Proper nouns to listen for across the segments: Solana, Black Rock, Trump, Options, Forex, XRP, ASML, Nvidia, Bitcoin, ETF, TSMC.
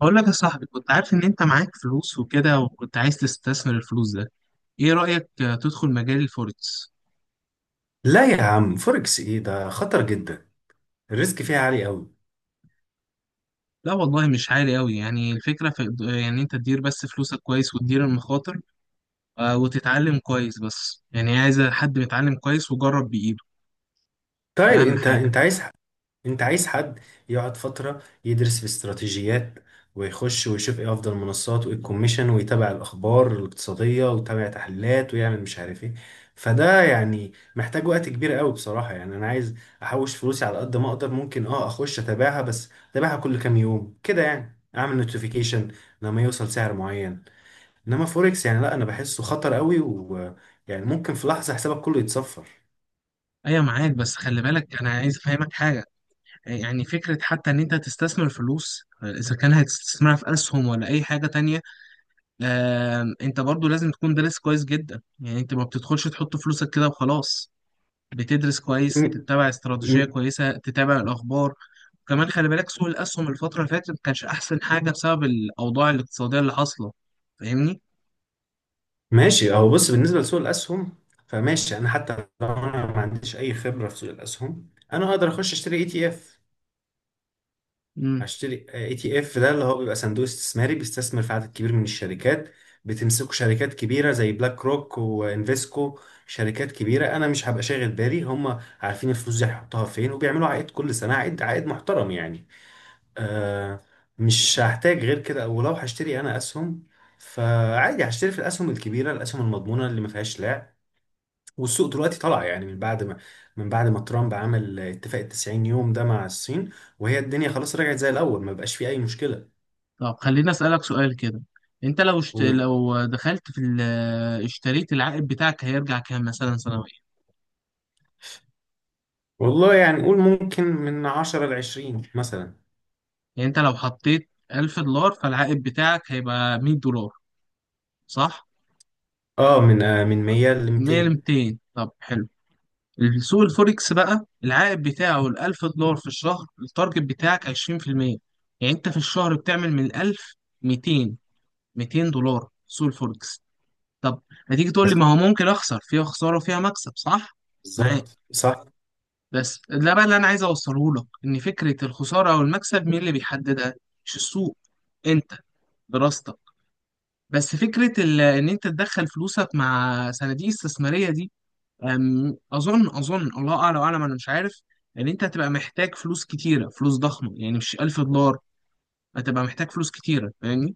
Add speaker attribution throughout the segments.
Speaker 1: بقول لك يا صاحبي كنت عارف ان انت معاك فلوس وكده وكنت عايز تستثمر الفلوس ده. ايه رأيك تدخل مجال الفوركس؟
Speaker 2: لا يا عم، فوركس ايه ده؟ خطر جدا. الريسك فيها عالي قوي.
Speaker 1: لا والله مش عالي قوي، يعني الفكرة في، يعني انت تدير بس فلوسك كويس وتدير المخاطر، وتتعلم كويس، بس يعني عايز حد متعلم كويس وجرب بإيده، ده
Speaker 2: طيب
Speaker 1: اهم حاجة.
Speaker 2: انت عايز حد يقعد فترة يدرس في استراتيجيات، ويخش ويشوف ايه افضل منصات وايه الكوميشن، ويتابع الاخبار الاقتصادية ويتابع تحليلات ويعمل مش عارف ايه. فده يعني محتاج وقت كبير قوي بصراحة، يعني انا عايز احوش فلوسي على قد ما اقدر. ممكن اخش اتابعها، بس اتابعها كل كام يوم كده، يعني اعمل نوتيفيكيشن لما يوصل سعر معين. انما فوركس يعني لا، انا بحسه خطر قوي، ويعني ممكن في لحظه حسابك كله يتصفر.
Speaker 1: ايوه معاك، بس خلي بالك انا عايز افهمك حاجة. يعني فكرة حتى ان انت تستثمر فلوس، اذا كان هتستثمرها في اسهم ولا اي حاجة تانية، انت برضو لازم تكون دارس كويس جدا. يعني انت ما بتدخلش تحط فلوسك كده وخلاص، بتدرس كويس،
Speaker 2: م-
Speaker 1: تتبع استراتيجية
Speaker 2: م-
Speaker 1: كويسة، تتابع الأخبار. وكمان خلي بالك سوق الأسهم الفترة اللي فاتت ما كانش أحسن حاجة بسبب الأوضاع الاقتصادية اللي حاصلة. فاهمني؟
Speaker 2: ماشي اهو، بص، بالنسبه لسوق الاسهم فماشي. انا حتى لو انا ما عنديش اي خبره في سوق الاسهم، انا اقدر اخش اشتري اي تي اف.
Speaker 1: امم.
Speaker 2: اشتري اي تي اف ده اللي هو بيبقى صندوق استثماري بيستثمر في عدد كبير من الشركات. بتمسكه شركات كبيره زي بلاك روك وانفيسكو. شركات كبيره، انا مش هبقى شاغل بالي، هم عارفين الفلوس دي هيحطوها فين، وبيعملوا عائد كل سنه، عائد محترم يعني. آه مش هحتاج غير كده. ولو هشتري انا اسهم، فعادي هشتري في الاسهم الكبيره، الاسهم المضمونه اللي ما فيهاش لعب. والسوق دلوقتي طلع يعني من بعد ما ترامب عمل اتفاق ال 90 يوم ده مع الصين، وهي الدنيا خلاص رجعت زي الاول، ما بقاش فيه اي مشكله.
Speaker 1: طب خليني أسألك سؤال كده. انت لو
Speaker 2: قول؟
Speaker 1: لو دخلت في اشتريت، العائد بتاعك هيرجع كام مثلا سنويا؟
Speaker 2: والله يعني قول ممكن من 10 ل 20 مثلا.
Speaker 1: يعني انت لو حطيت $1000 فالعائد بتاعك هيبقى $100، صح؟
Speaker 2: من 100 ل
Speaker 1: 100 ل
Speaker 2: 200.
Speaker 1: 200، طب حلو. السوق الفوركس بقى العائد بتاعه الألف دولار في الشهر، التارجت بتاعك 20%. يعني أنت في الشهر بتعمل من الألف ميتين ميتين دولار سوق الفوركس. طب، هتيجي تقول لي
Speaker 2: بس
Speaker 1: ما هو ممكن أخسر فيها خسارة وفيها مكسب، صح؟ معاك.
Speaker 2: بالظبط صح.
Speaker 1: بس ده بقى اللي أنا عايز أوصله لك، إن فكرة الخسارة أو المكسب مين اللي بيحددها؟ مش السوق، أنت، دراستك. بس فكرة إن أنت تدخل فلوسك مع صناديق استثمارية دي، اظن الله اعلى واعلم، انا مش عارف ان انت هتبقى محتاج فلوس كتيره، فلوس ضخمه، يعني مش $1000، هتبقى محتاج فلوس كتيره، فاهمني؟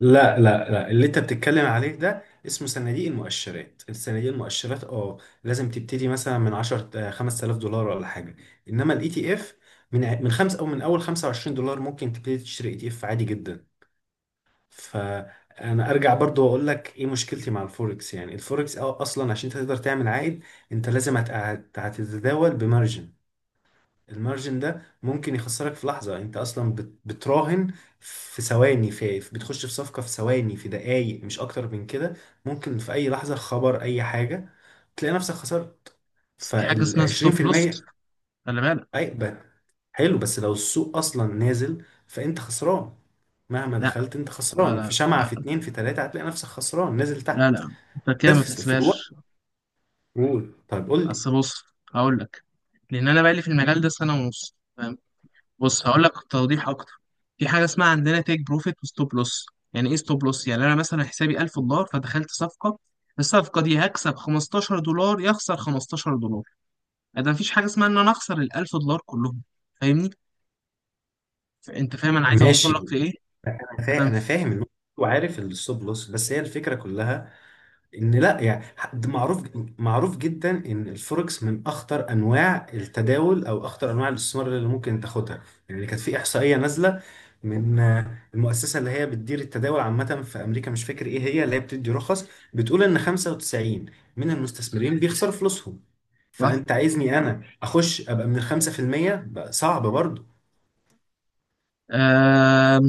Speaker 2: لا لا لا، اللي انت بتتكلم عليه ده اسمه صناديق المؤشرات. الصناديق المؤشرات لازم تبتدي مثلا من 10 5000 دولار ولا حاجه. انما الاي تي اف، من ع- من خمس او من اول 25 دولار ممكن تبتدي تشتري اي تي اف عادي جدا. فانا ارجع برضو واقول لك ايه مشكلتي مع الفوركس. يعني الفوركس اصلا عشان تقدر تعمل عائد، انت لازم هتتداول بمارجن. المارجن ده ممكن يخسرك في لحظة، يعني انت اصلا بتراهن في ثواني، بتخش في صفقة في ثواني، في دقايق مش اكتر من كده. ممكن في اي لحظة، خبر، اي حاجة، تلاقي نفسك خسرت
Speaker 1: بس في حاجه
Speaker 2: فال
Speaker 1: اسمها ستوب لوس،
Speaker 2: 20%.
Speaker 1: خلي بالك.
Speaker 2: اي ب- حلو، بس لو السوق اصلا نازل فانت خسران، مهما
Speaker 1: لا،
Speaker 2: دخلت انت خسران، في
Speaker 1: لا،
Speaker 2: شمعة، في
Speaker 1: لا،
Speaker 2: اتنين، في تلاتة، هتلاقي نفسك خسران نازل
Speaker 1: لا،
Speaker 2: تحت.
Speaker 1: لا، انت
Speaker 2: ده
Speaker 1: كده ما
Speaker 2: في الوقت.
Speaker 1: تحسبهاش.
Speaker 2: قول، طيب قول لي.
Speaker 1: اصل بص هقول لك. لان انا بقالي في المجال ده سنه ونص، فاهم. بص هقول لك توضيح اكتر. في حاجه اسمها عندنا تيك بروفيت وستوب لوس. يعني ايه ستوب لوس؟ يعني انا مثلا حسابي $1000 فدخلت صفقه، الصفقه دي هكسب $15 يخسر $15، ده مفيش حاجه اسمها ان انا اخسر الألف دولار كلهم، فاهمني؟ انت فاهم انا عايز اوصل
Speaker 2: ماشي،
Speaker 1: لك لايه؟
Speaker 2: انا
Speaker 1: ده
Speaker 2: فاهم انا
Speaker 1: مف-
Speaker 2: فاهم النقطة. وعارف الستوب لوس. بس هي الفكرة كلها ان لا يعني، ده معروف. معروف جدا ان الفوركس من اخطر انواع التداول، او اخطر انواع الاستثمار اللي ممكن تاخدها. يعني كانت في احصائيه نازله من المؤسسه اللي هي بتدير التداول عامه في امريكا، مش فاكر ايه هي اللي هي بتدي رخص، بتقول ان 95 من المستثمرين بيخسروا فلوسهم.
Speaker 1: صح.
Speaker 2: فانت عايزني انا اخش ابقى من ال 5%، بقى صعب برضه.
Speaker 1: آم،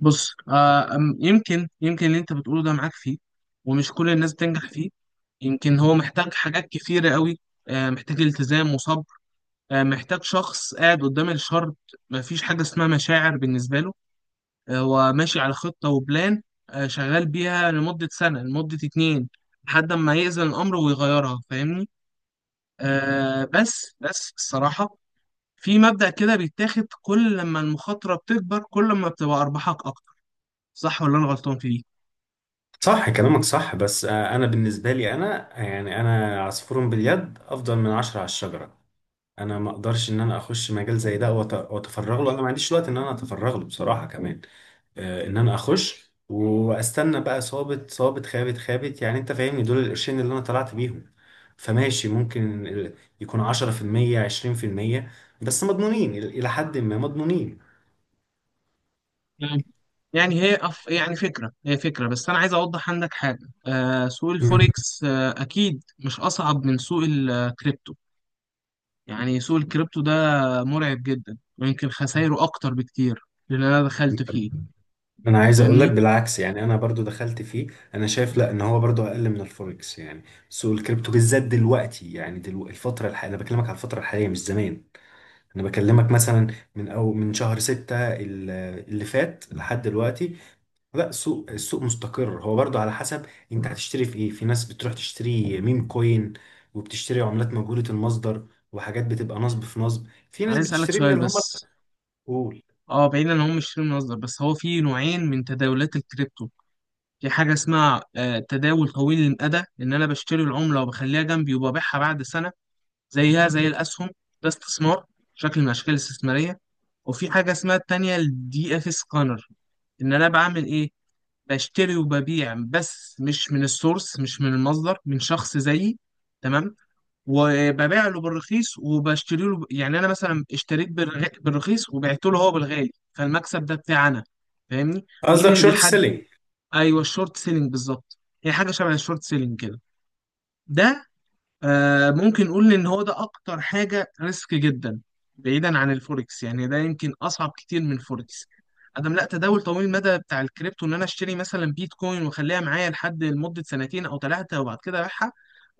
Speaker 1: بص، يمكن اللي انت بتقوله ده معاك فيه، ومش كل الناس بتنجح فيه، يمكن هو محتاج حاجات كتيرة قوي. محتاج التزام وصبر، محتاج شخص قاعد قدام الشر، مفيش حاجة اسمها مشاعر بالنسبة له، هو ماشي على خطة وبلان، شغال بيها لمدة سنة لمدة اتنين لحد ما يأذن الأمر ويغيرها، فاهمني؟ بس الصراحة في مبدأ كده بيتاخد، كل لما المخاطرة بتكبر كل ما بتبقى أرباحك أكتر، صح ولا أنا غلطان في دي؟
Speaker 2: صح، كلامك صح. بس انا بالنسبه لي، انا يعني، انا عصفور باليد افضل من عشرة على الشجره. انا ما اقدرش ان انا اخش مجال زي ده واتفرغ له. انا ما عنديش وقت ان انا اتفرغ له بصراحه كمان. ان انا اخش واستنى بقى صابت صابت خابت خابت يعني. انت فاهمني، دول القرشين اللي انا طلعت بيهم. فماشي، ممكن يكون 10% 20%، بس مضمونين، الى حد ما مضمونين.
Speaker 1: مم. يعني هي يعني فكرة، هي فكرة، بس أنا عايز أوضح عندك حاجة. سوق الفوركس أكيد مش أصعب من سوق الكريبتو. يعني سوق الكريبتو ده مرعب جدا ويمكن
Speaker 2: يعني
Speaker 1: خسايره أكتر بكتير لأن أنا دخلت فيه،
Speaker 2: انا عايز اقول لك
Speaker 1: فاهمني؟
Speaker 2: بالعكس. يعني انا برضو دخلت فيه. انا شايف لا، ان هو برضو اقل من الفوركس يعني. سوق الكريبتو بالذات دلوقتي يعني، دلوقتي الفتره الحاليه، انا بكلمك على الفتره الحاليه مش زمان. انا بكلمك مثلا من شهر ستة اللي فات لحد دلوقتي. لا، السوق مستقر، هو برضو على حسب. انت هتشتري في ايه؟ في ناس بتروح تشتري ميم كوين، وبتشتري عملات مجهولة المصدر وحاجات بتبقى نصب في نصب. في ناس
Speaker 1: عايز أسألك
Speaker 2: بتشتري من
Speaker 1: سؤال
Speaker 2: اللي هم
Speaker 1: بس.
Speaker 2: الأقول.
Speaker 1: أه، بعيدا إن هم مش شيل مصدر، بس هو في نوعين من تداولات الكريبتو. في حاجة اسمها تداول طويل المدى، إن أنا بشتري العملة وبخليها جنبي وببيعها بعد سنة، زيها زي الأسهم، ده استثمار، شكل من الأشكال الاستثمارية. وفي حاجة اسمها التانية الدي اف سكانر، إن أنا بعمل إيه؟ بشتري وببيع، بس مش من السورس، مش من المصدر، من شخص زيي، تمام. وببيع له بالرخيص وبشتري له، يعني أنا مثلا اشتريت بالرخيص وبعت له هو بالغالي، فالمكسب ده بتاعي أنا، فاهمني؟ مين
Speaker 2: قصدك
Speaker 1: اللي
Speaker 2: شورت
Speaker 1: بيحدد؟
Speaker 2: سيلينج؟
Speaker 1: ايوه الشورت سيلينج بالظبط. هي حاجه شبه الشورت سيلينج كده. ده ممكن نقول ان هو ده اكتر حاجه ريسك جدا، بعيدا عن الفوركس، يعني ده يمكن اصعب كتير من الفوركس. ادم لا، تداول طويل المدى بتاع الكريبتو ان انا اشتري مثلا بيتكوين واخليها معايا لحد لمده سنتين او ثلاثه وبعد كده ابيعها،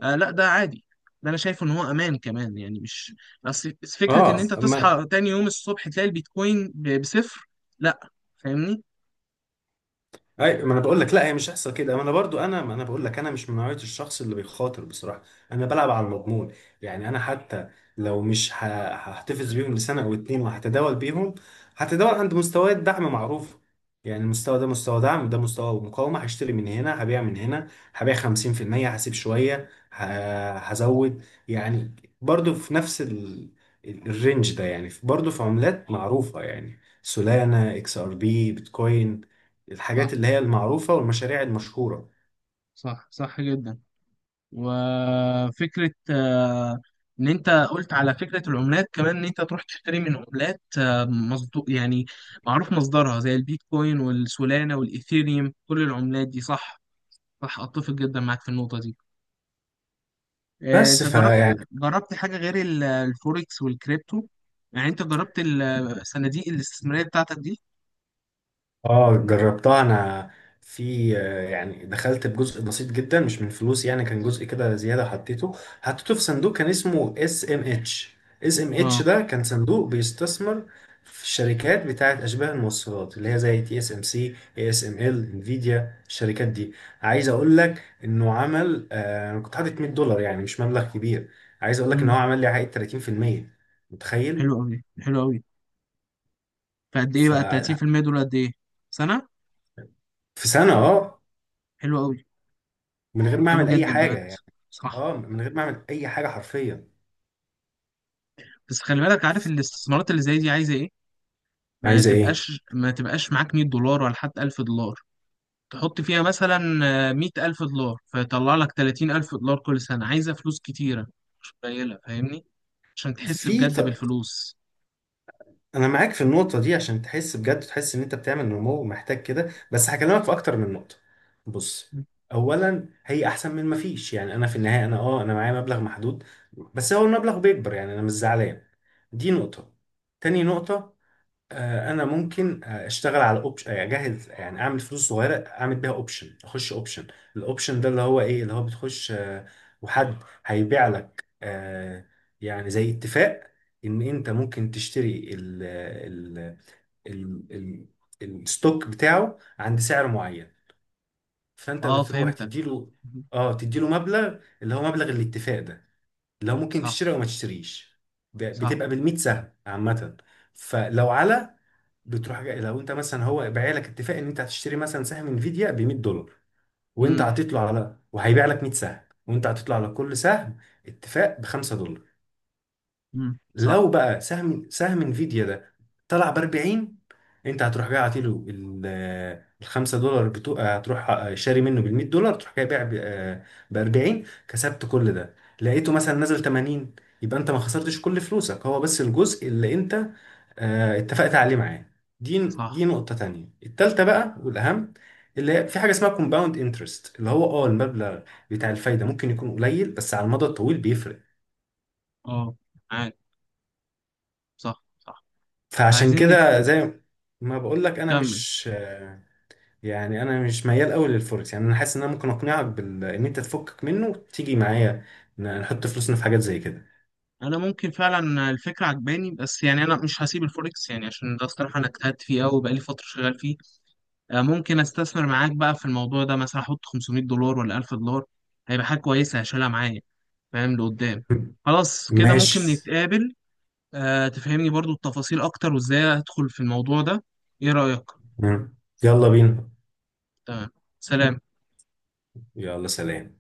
Speaker 1: لا ده عادي، ده انا شايف ان هو امان كمان يعني مش. بس فكره
Speaker 2: اه.
Speaker 1: ان انت تصحى تاني يوم الصبح تلاقي البيتكوين بصفر، لا، فاهمني؟
Speaker 2: اي، ما انا بقول لك لا هي مش هيحصل كده. ما انا برضو انا، ما انا بقول لك انا مش من نوعيه الشخص اللي بيخاطر بصراحه. انا بلعب على المضمون. يعني انا حتى لو مش ه- هحتفظ بيهم لسنه او اتنين وهتداول بيهم. هتداول عند مستويات دعم معروفه. يعني المستوى ده مستوى دعم، ده مستوى مقاومه. هشتري من هنا، هبيع من هنا، هبيع 50%، هسيب شويه، هزود يعني. برضو في نفس ال... الرينج ده يعني. برضو في عملات معروفه يعني، سولانا، اكس ار بي، بيتكوين، الحاجات
Speaker 1: صح،
Speaker 2: اللي هي المعروفة والمشاريع المشهورة.
Speaker 1: صح، صح جدا. وفكرة إن أنت قلت على فكرة العملات كمان، إن أنت تروح تشتري من عملات، يعني معروف مصدرها زي البيتكوين والسولانا والإيثيريوم، كل العملات دي، صح. صح، أتفق جدا معاك في النقطة دي.
Speaker 2: بس
Speaker 1: أنت جربت
Speaker 2: فيعني
Speaker 1: جربت حاجة غير الفوركس والكريبتو؟ يعني أنت جربت الصناديق الاستثمارية بتاعتك دي؟
Speaker 2: اه جربتها انا. في يعني دخلت بجزء بسيط جدا مش من فلوس، يعني كان جزء كده زيادة حطيته. حطيته في صندوق كان اسمه اس ام اتش. اس ام اتش
Speaker 1: أه.
Speaker 2: ده كان صندوق بيستثمر في الشركات بتاعت اشباه الموصلات اللي هي زي تي اس ام سي، اي اس ام ال، انفيديا، الشركات دي. عايز اقول لك انه عمل، انا كنت حاطط 100 دولار يعني، مش مبلغ كبير. عايز اقول لك ان هو
Speaker 1: مم.
Speaker 2: عمل لي عائد 30%، متخيل؟
Speaker 1: حلو أوي، حلو أوي. فقد إيه
Speaker 2: ف
Speaker 1: بقى ال 30% دول؟ قد إيه؟ سنة؟
Speaker 2: في سنة،
Speaker 1: حلو أوي.
Speaker 2: من غير ما
Speaker 1: حلو
Speaker 2: اعمل اي
Speaker 1: جدا
Speaker 2: حاجة
Speaker 1: بجد،
Speaker 2: يعني.
Speaker 1: صح.
Speaker 2: اه من غير ما اعمل اي حاجة حرفيا.
Speaker 1: بس خلي بالك، عارف الاستثمارات اللي زي دي عايزه ايه. ما
Speaker 2: عايزة ايه؟
Speaker 1: تبقاش، ما تبقاش معاك $100 ولا حتى $1000، تحط فيها مثلا $100,000 فيطلع لك $30,000 كل سنه، عايزه فلوس كتيره، مش قليله، فاهمني؟ عشان تحس
Speaker 2: في
Speaker 1: بجد
Speaker 2: ط...
Speaker 1: بالفلوس.
Speaker 2: انا معاك في النقطة دي. عشان تحس بجد، تحس ان انت بتعمل نمو ومحتاج كده، بس هكلمك في اكتر من نقطة. بص، اولا هي احسن من ما فيش. يعني انا في النهاية انا، انا معايا مبلغ محدود، بس هو المبلغ بيكبر، يعني انا مش زعلان. دي نقطة. تاني نقطة، انا ممكن اشتغل على اوبشن اجهز يعني، اعمل فلوس صغيره اعمل بيها اوبشن، اخش اوبشن. الاوبشن ده اللي هو ايه، اللي هو بتخش وحد هيبيع لك، يعني زي اتفاق، ان انت ممكن تشتري ال ال الستوك بتاعه عند سعر معين. فانت
Speaker 1: اه
Speaker 2: بتروح
Speaker 1: فهمتك.
Speaker 2: تديله، اه تديله مبلغ اللي هو مبلغ الاتفاق ده. لو ممكن
Speaker 1: صح
Speaker 2: تشتري او ما تشتريش،
Speaker 1: صح.
Speaker 2: بتبقى بالميت سهم عامه. فلو على، بتروح جاي، لو انت مثلا هو بايع لك اتفاق ان انت هتشتري مثلا سهم انفيديا ب 100 دولار، وانت
Speaker 1: امم.
Speaker 2: هتطلع على، وهيبيع لك 100 سهم، وانت هتطلع على كل سهم اتفاق ب 5 دولار.
Speaker 1: امم. صح
Speaker 2: لو بقى سهم انفيديا ده طلع ب 40، انت هتروح جاي عاطيله ال 5 دولار بتوع، هتروح شاري منه بال 100 دولار، تروح جاي بايع ب 40، كسبت كل ده. لقيته مثلا نزل 80، يبقى انت ما خسرتش كل فلوسك، هو بس الجزء اللي انت اتفقت عليه معاه. دي
Speaker 1: صح.
Speaker 2: نقطة تانية. التالتة بقى والأهم، اللي هي في حاجة اسمها كومباوند انترست، اللي هو المبلغ بتاع الفايدة ممكن يكون قليل بس على المدى الطويل بيفرق.
Speaker 1: اه عارف. صح صح.
Speaker 2: فعشان
Speaker 1: عايزين
Speaker 2: كده زي ما بقول لك انا
Speaker 1: نكمل.
Speaker 2: مش، يعني انا مش ميال قوي للفوركس يعني. انا حاسس ان انا ممكن اقنعك بال... ان انت تفكك منه وتيجي معايا نحط فلوسنا في حاجات زي كده.
Speaker 1: انا ممكن فعلا الفكره عجباني، بس يعني انا مش هسيب الفوركس يعني عشان ده الصراحه انا اجتهدت فيه قوي بقالي فتره شغال فيه. ممكن استثمر معاك بقى في الموضوع ده، مثلا احط $500 ولا $1000، هيبقى حاجه كويسه هشيلها معايا، فاهم لقدام؟ خلاص كده
Speaker 2: ماشي
Speaker 1: ممكن
Speaker 2: خلاص.
Speaker 1: نتقابل. تفهمني برضو التفاصيل اكتر وازاي ادخل في الموضوع ده، ايه رايك؟
Speaker 2: مم. يلا بينا.
Speaker 1: تمام. سلام.
Speaker 2: يلا سلام.